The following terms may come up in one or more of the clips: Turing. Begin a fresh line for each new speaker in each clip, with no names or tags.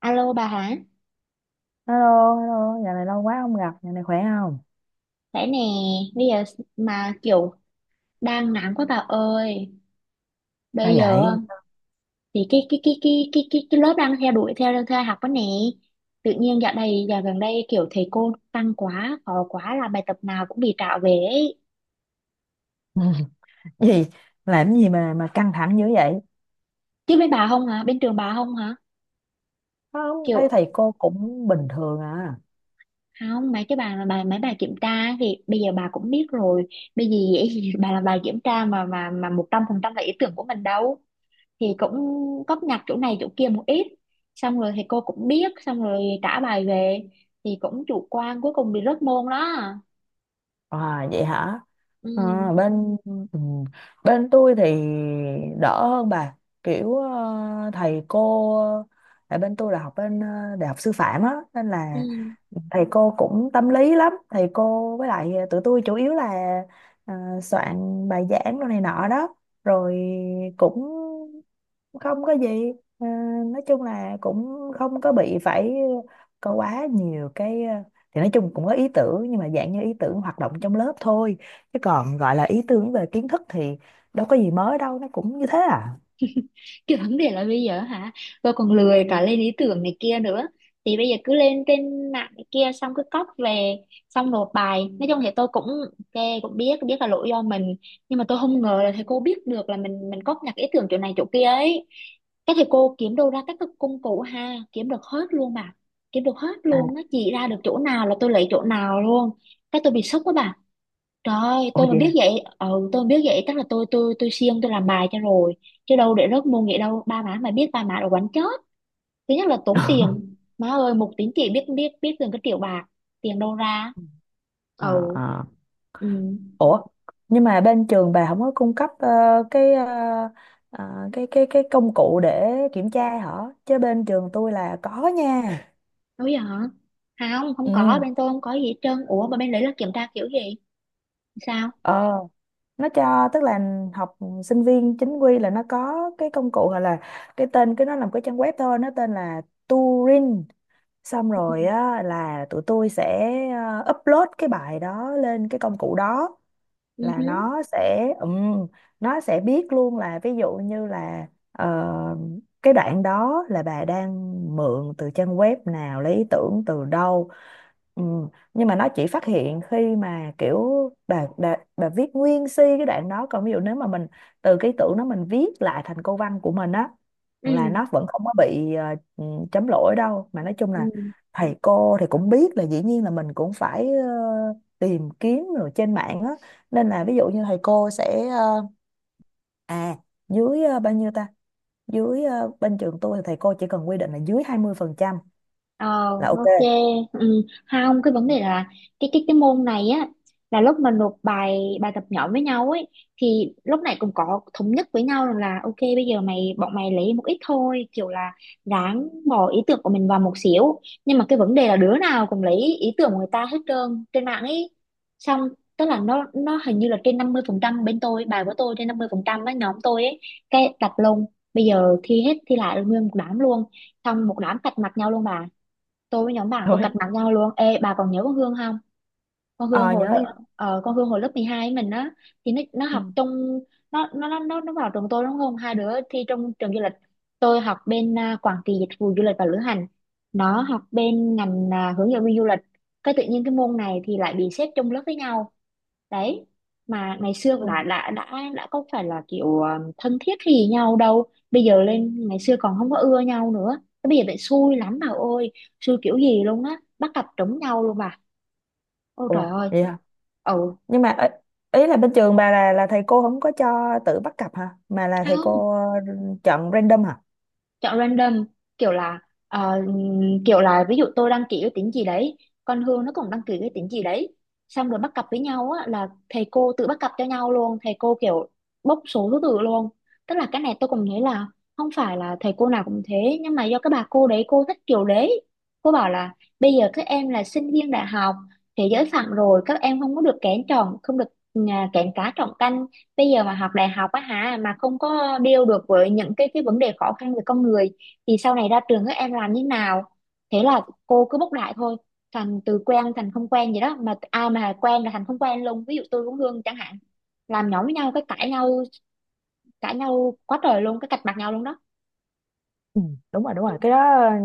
Alo bà hả?
Hello, hello, nhà này lâu quá không gặp, nhà này khỏe không?
Đấy nè, bây giờ mà kiểu đang nắng quá bà ơi.
Sao
Bây giờ
vậy?
thì cái lớp đang theo đuổi theo theo học đó nè. Tự nhiên dạo gần đây kiểu thầy cô tăng quá, khó quá là bài tập nào cũng bị trả về ấy.
Gì? Làm gì mà căng thẳng dữ vậy?
Chứ bên bà không hả? Bên trường bà không hả?
Không, thấy
Kiểu
thầy cô cũng bình thường à.
không mấy cái bài mà mấy bài kiểm tra ấy thì bây giờ bà cũng biết rồi. Bây giờ dễ gì bà làm bài kiểm tra mà 100% là ý tưởng của mình đâu. Thì cũng góp nhặt chỗ này chỗ kia một ít, xong rồi thầy cô cũng biết, xong rồi trả bài về, thì cũng chủ quan cuối cùng bị rớt môn đó.
À vậy hả?
Ừ,
À, ừ, bên tôi thì đỡ hơn bà, kiểu thầy cô, tại bên tôi là học bên đại học sư phạm á nên là
ừ.
thầy cô cũng tâm lý lắm. Thầy cô với lại tụi tôi chủ yếu là ờ, soạn bài giảng đồ này nọ đó, rồi cũng không có gì. Ờ, nói chung là cũng không có bị phải có quá nhiều cái, thì nói chung cũng có ý tưởng, nhưng mà dạng như ý tưởng hoạt động trong lớp thôi. Chứ còn gọi là ý tưởng về kiến thức thì đâu có gì mới đâu, nó cũng như thế à.
Cái vấn đề là bây giờ hả, tôi còn lười cả lên ý tưởng này kia nữa, thì bây giờ cứ lên trên mạng này kia xong cứ cóp về, xong nộp bài. Nói chung thì tôi cũng ok, cũng biết biết là lỗi do mình, nhưng mà tôi không ngờ là thầy cô biết được là mình cóp nhặt ý tưởng chỗ này chỗ kia ấy. Các thầy cô kiếm đâu ra các cái công cụ ha, kiếm được hết luôn mà, kiếm được hết
À,
luôn nó chỉ ra được chỗ nào là tôi lấy chỗ nào luôn. Cái tôi bị sốc quá bà. Trời ơi,
ồ
tôi mà
vậy
biết
à?
vậy, ừ, tôi mà biết vậy chắc là tôi siêng tôi làm bài cho rồi. Chứ đâu để rớt môn vậy đâu, ba má mà biết ba má đã quánh chết. Thứ nhất là tốn tiền. Má ơi, một tín chỉ biết biết biết gần cái triệu bạc, tiền đâu ra? Ừ.
Ờ, ờ.
Ừ.
Ủa, nhưng mà bên trường bà không có cung cấp ờ, cái ờ, ờ, cái công cụ để kiểm tra hả? Chứ bên trường tôi là có nha.
Đâu vậy hả? Không, không có,
Ừ,
bên tôi không có gì hết trơn. Ủa mà bên đấy là kiểm tra kiểu gì? Sao?
ờ, nó cho, tức là học sinh viên chính quy là nó có cái công cụ, hoặc là cái tên, cái nó làm cái trang web thôi, nó tên là Turing. Xong
Ừ.
rồi á là tụi tôi sẽ upload cái bài đó lên cái công cụ đó,
Ừ.
là
Hứ.
nó sẽ biết luôn, là ví dụ như là ờ, cái đoạn đó là bà đang mượn từ trang web nào, lấy ý tưởng từ đâu. Ừm, nhưng mà nó chỉ phát hiện khi mà kiểu bà viết nguyên si cái đoạn đó, còn ví dụ nếu mà mình từ cái ý tưởng đó mình viết lại thành câu văn của mình á, là
Ừ.
nó vẫn không có bị chấm lỗi đâu. Mà nói chung là
Ừ.
thầy cô thì cũng biết là dĩ nhiên là mình cũng phải tìm kiếm rồi trên mạng á, nên là ví dụ như thầy cô sẽ à bao nhiêu ta, dưới bên trường tôi thì thầy cô chỉ cần quy định là dưới 20%
Ờ,
là ok.
ok. Ừ. Không, cái vấn đề là cái môn này á, là lúc mà nộp bài bài tập nhỏ với nhau ấy, thì lúc này cũng có thống nhất với nhau rằng là ok bây giờ bọn mày lấy một ít thôi, kiểu là ráng bỏ ý tưởng của mình vào một xíu, nhưng mà cái vấn đề là đứa nào cũng lấy ý tưởng của người ta hết trơn trên mạng ấy, xong tức là nó hình như là trên 50%, bên tôi bài của tôi trên 50% ấy, nhóm tôi ấy. Cái đặt lông, bây giờ thi hết thi lại nguyên một đám luôn, xong một đám cạch mặt nhau luôn bà, tôi với nhóm bạn tôi cạch
Rồi.
mặt nhau luôn. Ê, bà còn nhớ con Hương không?
Ờ Nhớ nhớ.
Con Hương hồi lớp 12 ấy mình á, thì nó
Ừ.
học trong, nó vào trường tôi đúng không, hai đứa thi trong trường du lịch. Tôi học bên à, quản trị dịch vụ du lịch và lữ hành, nó học bên ngành à, hướng dẫn viên du lịch. Cái tự nhiên cái môn này thì lại bị xếp chung lớp với nhau đấy. Mà ngày xưa
Ừ.
là đã có phải là kiểu thân thiết gì nhau đâu, bây giờ lên ngày xưa còn không có ưa nhau nữa. Thế bây giờ lại xui lắm bà ơi, xui kiểu gì luôn á, bắt cặp trúng nhau luôn bà. Ôi trời
Ủa
ơi.
vậy hả?
Ừ.
Nhưng mà ý ý là bên trường bà là thầy cô không có cho tự bắt cặp hả, mà là thầy cô chọn random hả?
Chọn random, kiểu là ờ, ví dụ tôi đăng ký cái tính gì đấy, con Hương nó cũng đăng ký cái tính gì đấy, xong rồi bắt cặp với nhau á là thầy cô tự bắt cặp cho nhau luôn. Thầy cô kiểu bốc số thứ tự luôn. Tức là cái này tôi cũng thấy là không phải là thầy cô nào cũng thế, nhưng mà do cái bà cô đấy cô thích kiểu đấy. Cô bảo là bây giờ các em là sinh viên đại học, thế giới phẳng rồi, các em không có được kén chọn, không được à, kén cá chọn canh. Bây giờ mà học đại học á hả mà không có deal được với những cái vấn đề khó khăn về con người, thì sau này ra trường các em làm như nào. Thế là cô cứ bốc đại thôi, thành từ quen thành không quen vậy đó. Mà ai mà quen là thành không quen luôn, ví dụ tôi với Hương chẳng hạn, làm nhóm với nhau cái cãi nhau, cãi nhau quá trời luôn, cái cạch mặt nhau luôn đó.
Ừ, đúng rồi, đúng rồi, cái đó ừ,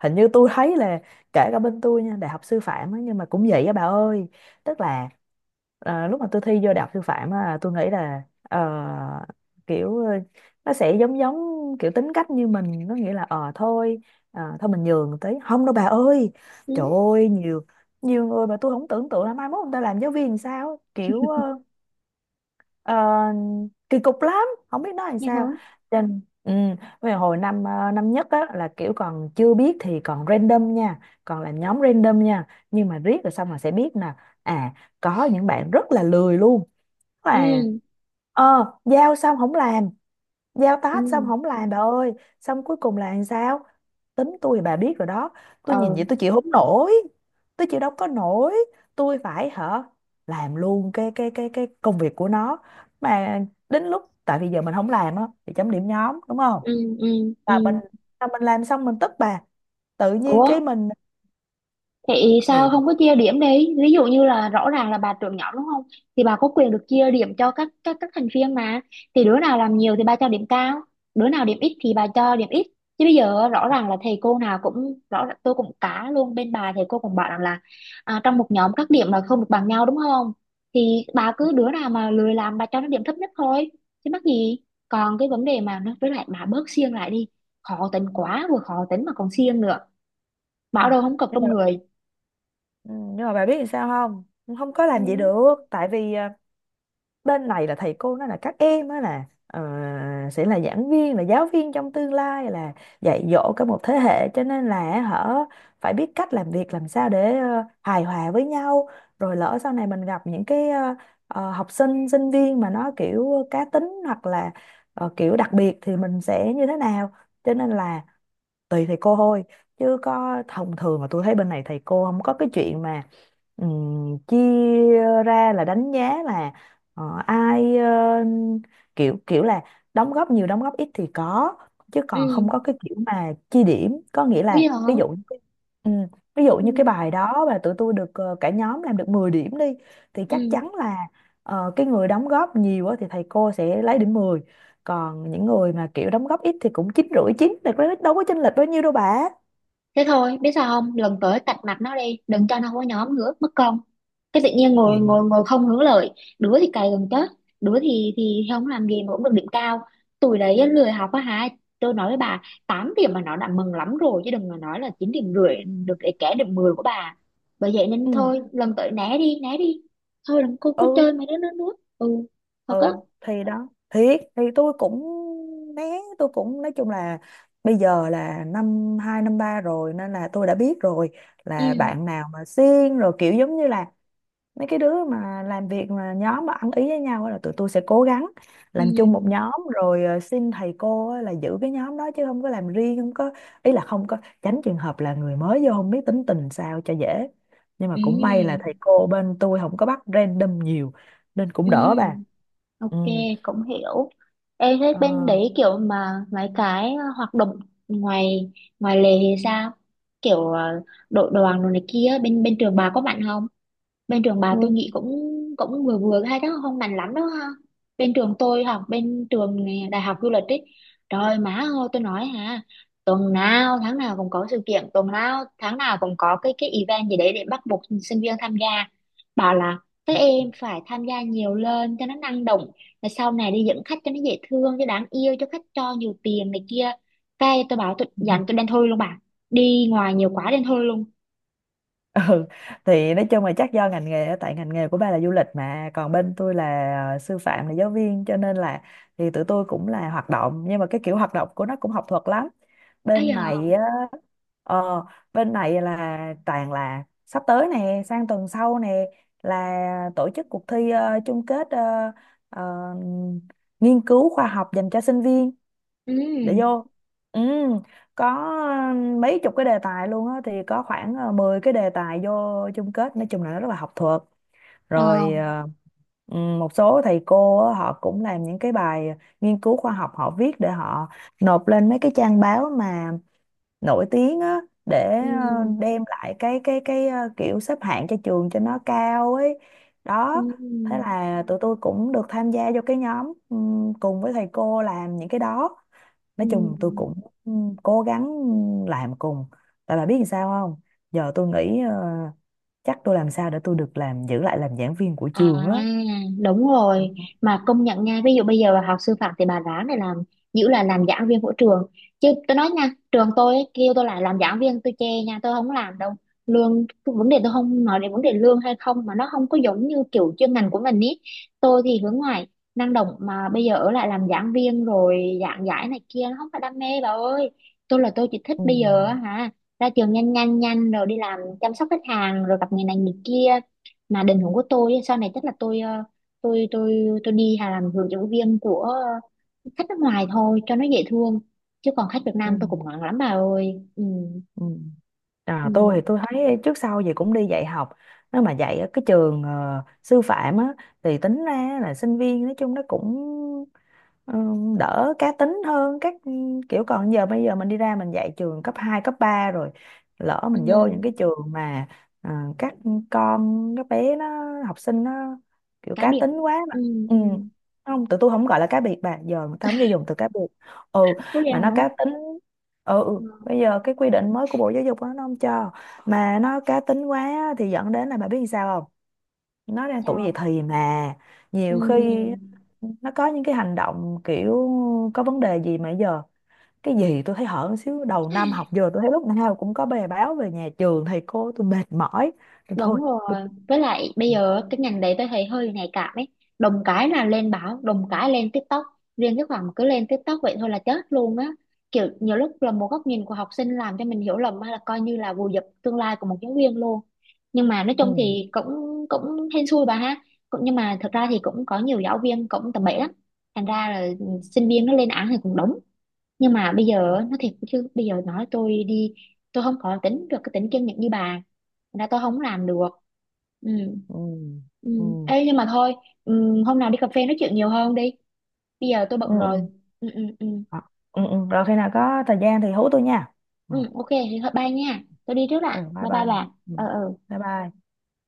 hình như tôi thấy là kể cả bên tôi nha, đại học sư phạm á, nhưng mà cũng vậy á bà ơi. Tức là lúc mà tôi thi vô đại học sư phạm á, tôi nghĩ là kiểu ờ, nó sẽ giống giống kiểu tính cách như mình, nó nghĩa là thôi, thôi mình nhường tí, không đâu bà ơi.
Ừ,
Trời ơi, nhiều nhiều người mà tôi không tưởng tượng là mai mốt người ta làm giáo viên làm sao, kiểu Ờ, kỳ cục lắm, không biết nói làm
như hả.
sao. Trên, ừ, về hồi năm năm nhất á, là kiểu còn chưa biết thì còn random nha, còn là nhóm random nha, nhưng mà riết rồi xong là sẽ biết nè. À, có những bạn rất là lười luôn, là
Ừ.
ờ giao xong không làm, giao task xong
Ừ.
không làm bà ơi. Xong cuối cùng là làm sao? Tính tôi bà biết rồi đó, tôi nhìn vậy
Ừ.
tôi chịu không nổi, tôi chịu đâu có nổi, tôi phải hả làm luôn cái công việc của nó. Mà đến lúc, tại vì giờ mình không làm á thì chấm điểm nhóm đúng không,
Ừ. Ừ.
mà
Ừ.
mình làm xong mình tức bà, tự nhiên
Ủa,
cái mình
vậy
thì
sao không có chia điểm đi? Ví dụ như là rõ ràng là bà trưởng nhóm đúng không? Thì bà có quyền được chia điểm cho các thành viên mà. Thì đứa nào làm nhiều thì bà cho điểm cao, đứa nào điểm ít thì bà cho điểm ít. Chứ bây giờ rõ ràng là thầy cô nào cũng rõ ràng- tôi cũng cá luôn bên bà thầy cô cũng bảo rằng là à, trong một nhóm các điểm là không được bằng nhau đúng không? Thì bà cứ đứa nào mà lười làm bà cho nó điểm thấp nhất thôi. Chứ mắc gì? Còn cái vấn đề mà nó với lại bà bớt siêng lại đi. Khó tính quá, vừa khó tính mà còn siêng nữa.
ừ.
Bảo đâu không cọc
Nhưng
trong
mà
người.
ừ, nhưng mà bà biết làm sao không, không có
Ừ.
làm vậy được, tại vì bên này là thầy cô nói là các em đó là sẽ là giảng viên, là giáo viên trong tương lai, là dạy dỗ cả một thế hệ, cho nên là họ phải biết cách làm việc làm sao để hài hòa với nhau. Rồi lỡ sau này mình gặp những cái học sinh sinh viên mà nó kiểu cá tính, hoặc là kiểu đặc biệt thì mình sẽ như thế nào, cho nên là tùy thầy cô thôi. Chứ có thông thường mà tôi thấy bên này thầy cô không có cái chuyện mà chia ra là đánh giá là ai ờ, kiểu kiểu là đóng góp nhiều đóng góp ít thì có. Chứ
Ừ.
còn không có cái kiểu mà chia điểm, có nghĩa
Bây
là ví
giờ.
dụ như cái- ví dụ như cái
Ừ.
bài đó mà tụi tôi được, cả nhóm làm được 10 điểm đi, thì chắc
Ừ.
chắn là cái người đóng góp nhiều á thì thầy cô sẽ lấy điểm 10, còn những người mà kiểu đóng góp ít thì cũng chín rưỡi, chín thì có- đâu có chênh lệch bao nhiêu đâu bà.
Thế thôi biết sao không, lần tới cạch mặt nó đi, đừng cho nó có nhóm nữa mất công. Cái tự nhiên
Ừ.
ngồi ngồi ngồi không hướng lợi, đứa thì cày gần chết, đứa thì không làm gì mà cũng được điểm cao. Tụi đấy á, lười học á hả, tôi nói với bà, 8 điểm mà nó đã mừng lắm rồi, chứ đừng mà nói là 9 điểm rưỡi, được để kẻ được 10 của bà. Bởi vậy nên
Ừ,
thôi lần tới né đi, thôi đừng
ừ,
có chơi mấy đứa nữa nữa. Ừ. Thật á.
ừ thì đó, thiệt thì tôi cũng né, tôi cũng nói chung là bây giờ là năm hai năm ba rồi nên là tôi đã biết rồi, là
Ừ.
bạn nào mà siêng rồi, kiểu giống như là mấy cái đứa mà làm việc, mà nhóm mà ăn ý với nhau á, là tụi tôi sẽ cố gắng làm chung một
Ừ.
nhóm, rồi xin thầy cô á là giữ cái nhóm đó, chứ không có làm riêng, không có ý là không có, tránh trường hợp là người mới vô không biết tính tình sao cho dễ. Nhưng mà cũng may là
Ừ.
thầy cô bên tôi không có bắt random nhiều nên cũng
Ừ.
đỡ
Ừ.
bà.
Ok,
Ừ.
cũng hiểu. Ê, thế
Ờ.
bên đấy kiểu mà mấy cái hoạt động ngoài ngoài lề thì sao? Kiểu đội đoàn rồi này kia bên bên trường bà có bạn không? Bên trường bà tôi nghĩ cũng cũng vừa vừa hay đó, không mạnh lắm đó ha. Bên trường tôi học bên trường này, đại học du lịch ấy, trời má ơi tôi nói hả, tuần nào tháng nào cũng có sự kiện, tuần nào tháng nào cũng có cái event gì đấy để bắt buộc sinh viên tham gia. Bảo là các em phải tham gia nhiều lên cho nó năng động, rồi sau này đi dẫn khách cho nó dễ thương, cho đáng yêu, cho khách cho nhiều tiền này kia. Cái tôi bảo tôi
Ừ.
dặn tôi đen thui luôn bà, đi ngoài nhiều quá đen thui luôn.
Ừ thì nói chung là chắc do ngành nghề á, tại ngành nghề của ba là du lịch, mà còn bên tôi là sư phạm, là giáo viên, cho nên là thì tụi tôi cũng là hoạt động, nhưng mà cái kiểu hoạt động của nó cũng học thuật lắm.
Ấy
Bên
giờ.
này á, ờ, bên này là toàn là sắp tới nè, sang tuần sau nè, là tổ chức cuộc thi chung kết ờ, nghiên cứu khoa học dành cho sinh viên,
Ừ.
để vô, ừ, có mấy chục cái đề tài luôn á, thì có khoảng 10 cái đề tài vô chung kết, nói chung là nó rất là học thuật.
Ờ.
Rồi một số thầy cô á, họ cũng làm những cái bài nghiên cứu khoa học, họ viết để họ nộp lên mấy cái trang báo mà nổi tiếng á, để
Ừ.
đem lại cái kiểu xếp hạng cho trường cho nó cao ấy.
Ừ.
Đó, thế là tụi tôi cũng được tham gia vô cái nhóm ừ, cùng với thầy cô làm những cái đó. Nói
Ừ.
chung tôi cũng cố gắng làm cùng, tại bà biết làm sao không, giờ tôi nghĩ chắc tôi làm sao để tôi được làm, giữ lại làm giảng viên của
À,
trường á.
đúng
Ừ.
rồi. Mà công nhận nha, ví dụ bây giờ bà học sư phạm thì bà ráng để làm, giữ là làm giảng viên của trường. Chứ tôi nói nha, trường tôi ấy, kêu tôi lại làm giảng viên tôi chê nha, tôi không làm đâu. Lương, vấn đề tôi không nói đến vấn đề lương hay không, mà nó không có giống như kiểu chuyên ngành của mình ý. Tôi thì hướng ngoại, năng động, mà bây giờ ở lại làm giảng viên rồi giảng giải này kia nó không phải đam mê bà ơi. Tôi là tôi chỉ thích
Ừ.
bây giờ á hả, ra trường nhanh nhanh nhanh rồi đi làm chăm sóc khách hàng rồi gặp người này người kia, mà định hướng của tôi ấy, sau này chắc là tôi tôi đi hà làm hướng dẫn viên của khách nước ngoài thôi cho nó dễ thương. Chứ còn khách Việt
Ừ.
Nam tôi cũng ngại lắm bà ơi. Ừ.
Ừ. À,
Ừ.
tôi thì tôi thấy trước sau gì cũng đi dạy học, nếu mà dạy ở cái trường sư phạm á thì tính ra là sinh viên nói chung nó cũng, ừ, đỡ cá tính hơn các kiểu. Còn giờ bây giờ mình đi ra mình dạy trường cấp 2 cấp 3 rồi, lỡ
Ừ.
mình vô những cái trường mà à, các con các bé nó, học sinh nó kiểu
Cá
cá
biệt.
tính quá mà,
Ừ.
ừ.
Ừ.
Không, tụi tôi không gọi là cá biệt bà, giờ người ta không cho dùng từ cá biệt, ừ,
Ủa vậy
mà nó
hả.
cá tính. Ừ, ừ.
Ừ.
Bây giờ cái quy định mới của Bộ Giáo dục đó, nó không cho. Mà nó cá tính quá á, thì dẫn đến là bà biết làm sao, nó đang tuổi dậy
Chà.
thì mà,
Ừ.
nhiều khi nó có những cái hành động kiểu có vấn đề gì. Mà giờ cái gì tôi thấy hở một xíu đầu năm học, giờ tôi thấy lúc nào cũng có bài báo về nhà trường, thầy cô tôi mệt mỏi, tôi
Đúng
thôi
rồi.
tôi.
Với lại bây giờ cái ngành đấy tôi thấy hơi nhạy cảm ấy. Đồng cái là lên báo, đồng cái lên TikTok. Riêng cái khoảng mà cứ lên TikTok vậy thôi là chết luôn á. Kiểu nhiều lúc là một góc nhìn của học sinh làm cho mình hiểu lầm hay là coi như là vùi dập tương lai của một giáo viên luôn. Nhưng mà nói
Ừ,
chung thì cũng cũng hên xui bà ha. Cũng nhưng mà thật ra thì cũng có nhiều giáo viên cũng tầm bậy lắm. Thành ra là sinh viên nó lên án thì cũng đúng, nhưng mà bây giờ á, nói thiệt chứ bây giờ nói tôi đi, tôi không có tính được cái tính kiên nhẫn như bà. Thành ra tôi không làm được. Ừ.
ừ,
Ừ.
ừ, ừ,
Ê, nhưng mà thôi, ừ, hôm nào đi cà phê nói chuyện nhiều hơn đi, bây giờ tôi
ừ,
bận rồi.
ừ.
Ừ. Ừ. Ừ.
Ờ, ừ, ừ. Rồi khi nào có thời gian thì hú tôi nha.
Ừ,
Ừ.
ok thì thôi bye nha, tôi đi trước
Ừ.
ạ,
Bye
bye bye
bye.
bà.
Ừ.
Ờ. Ừ.
Bye bye.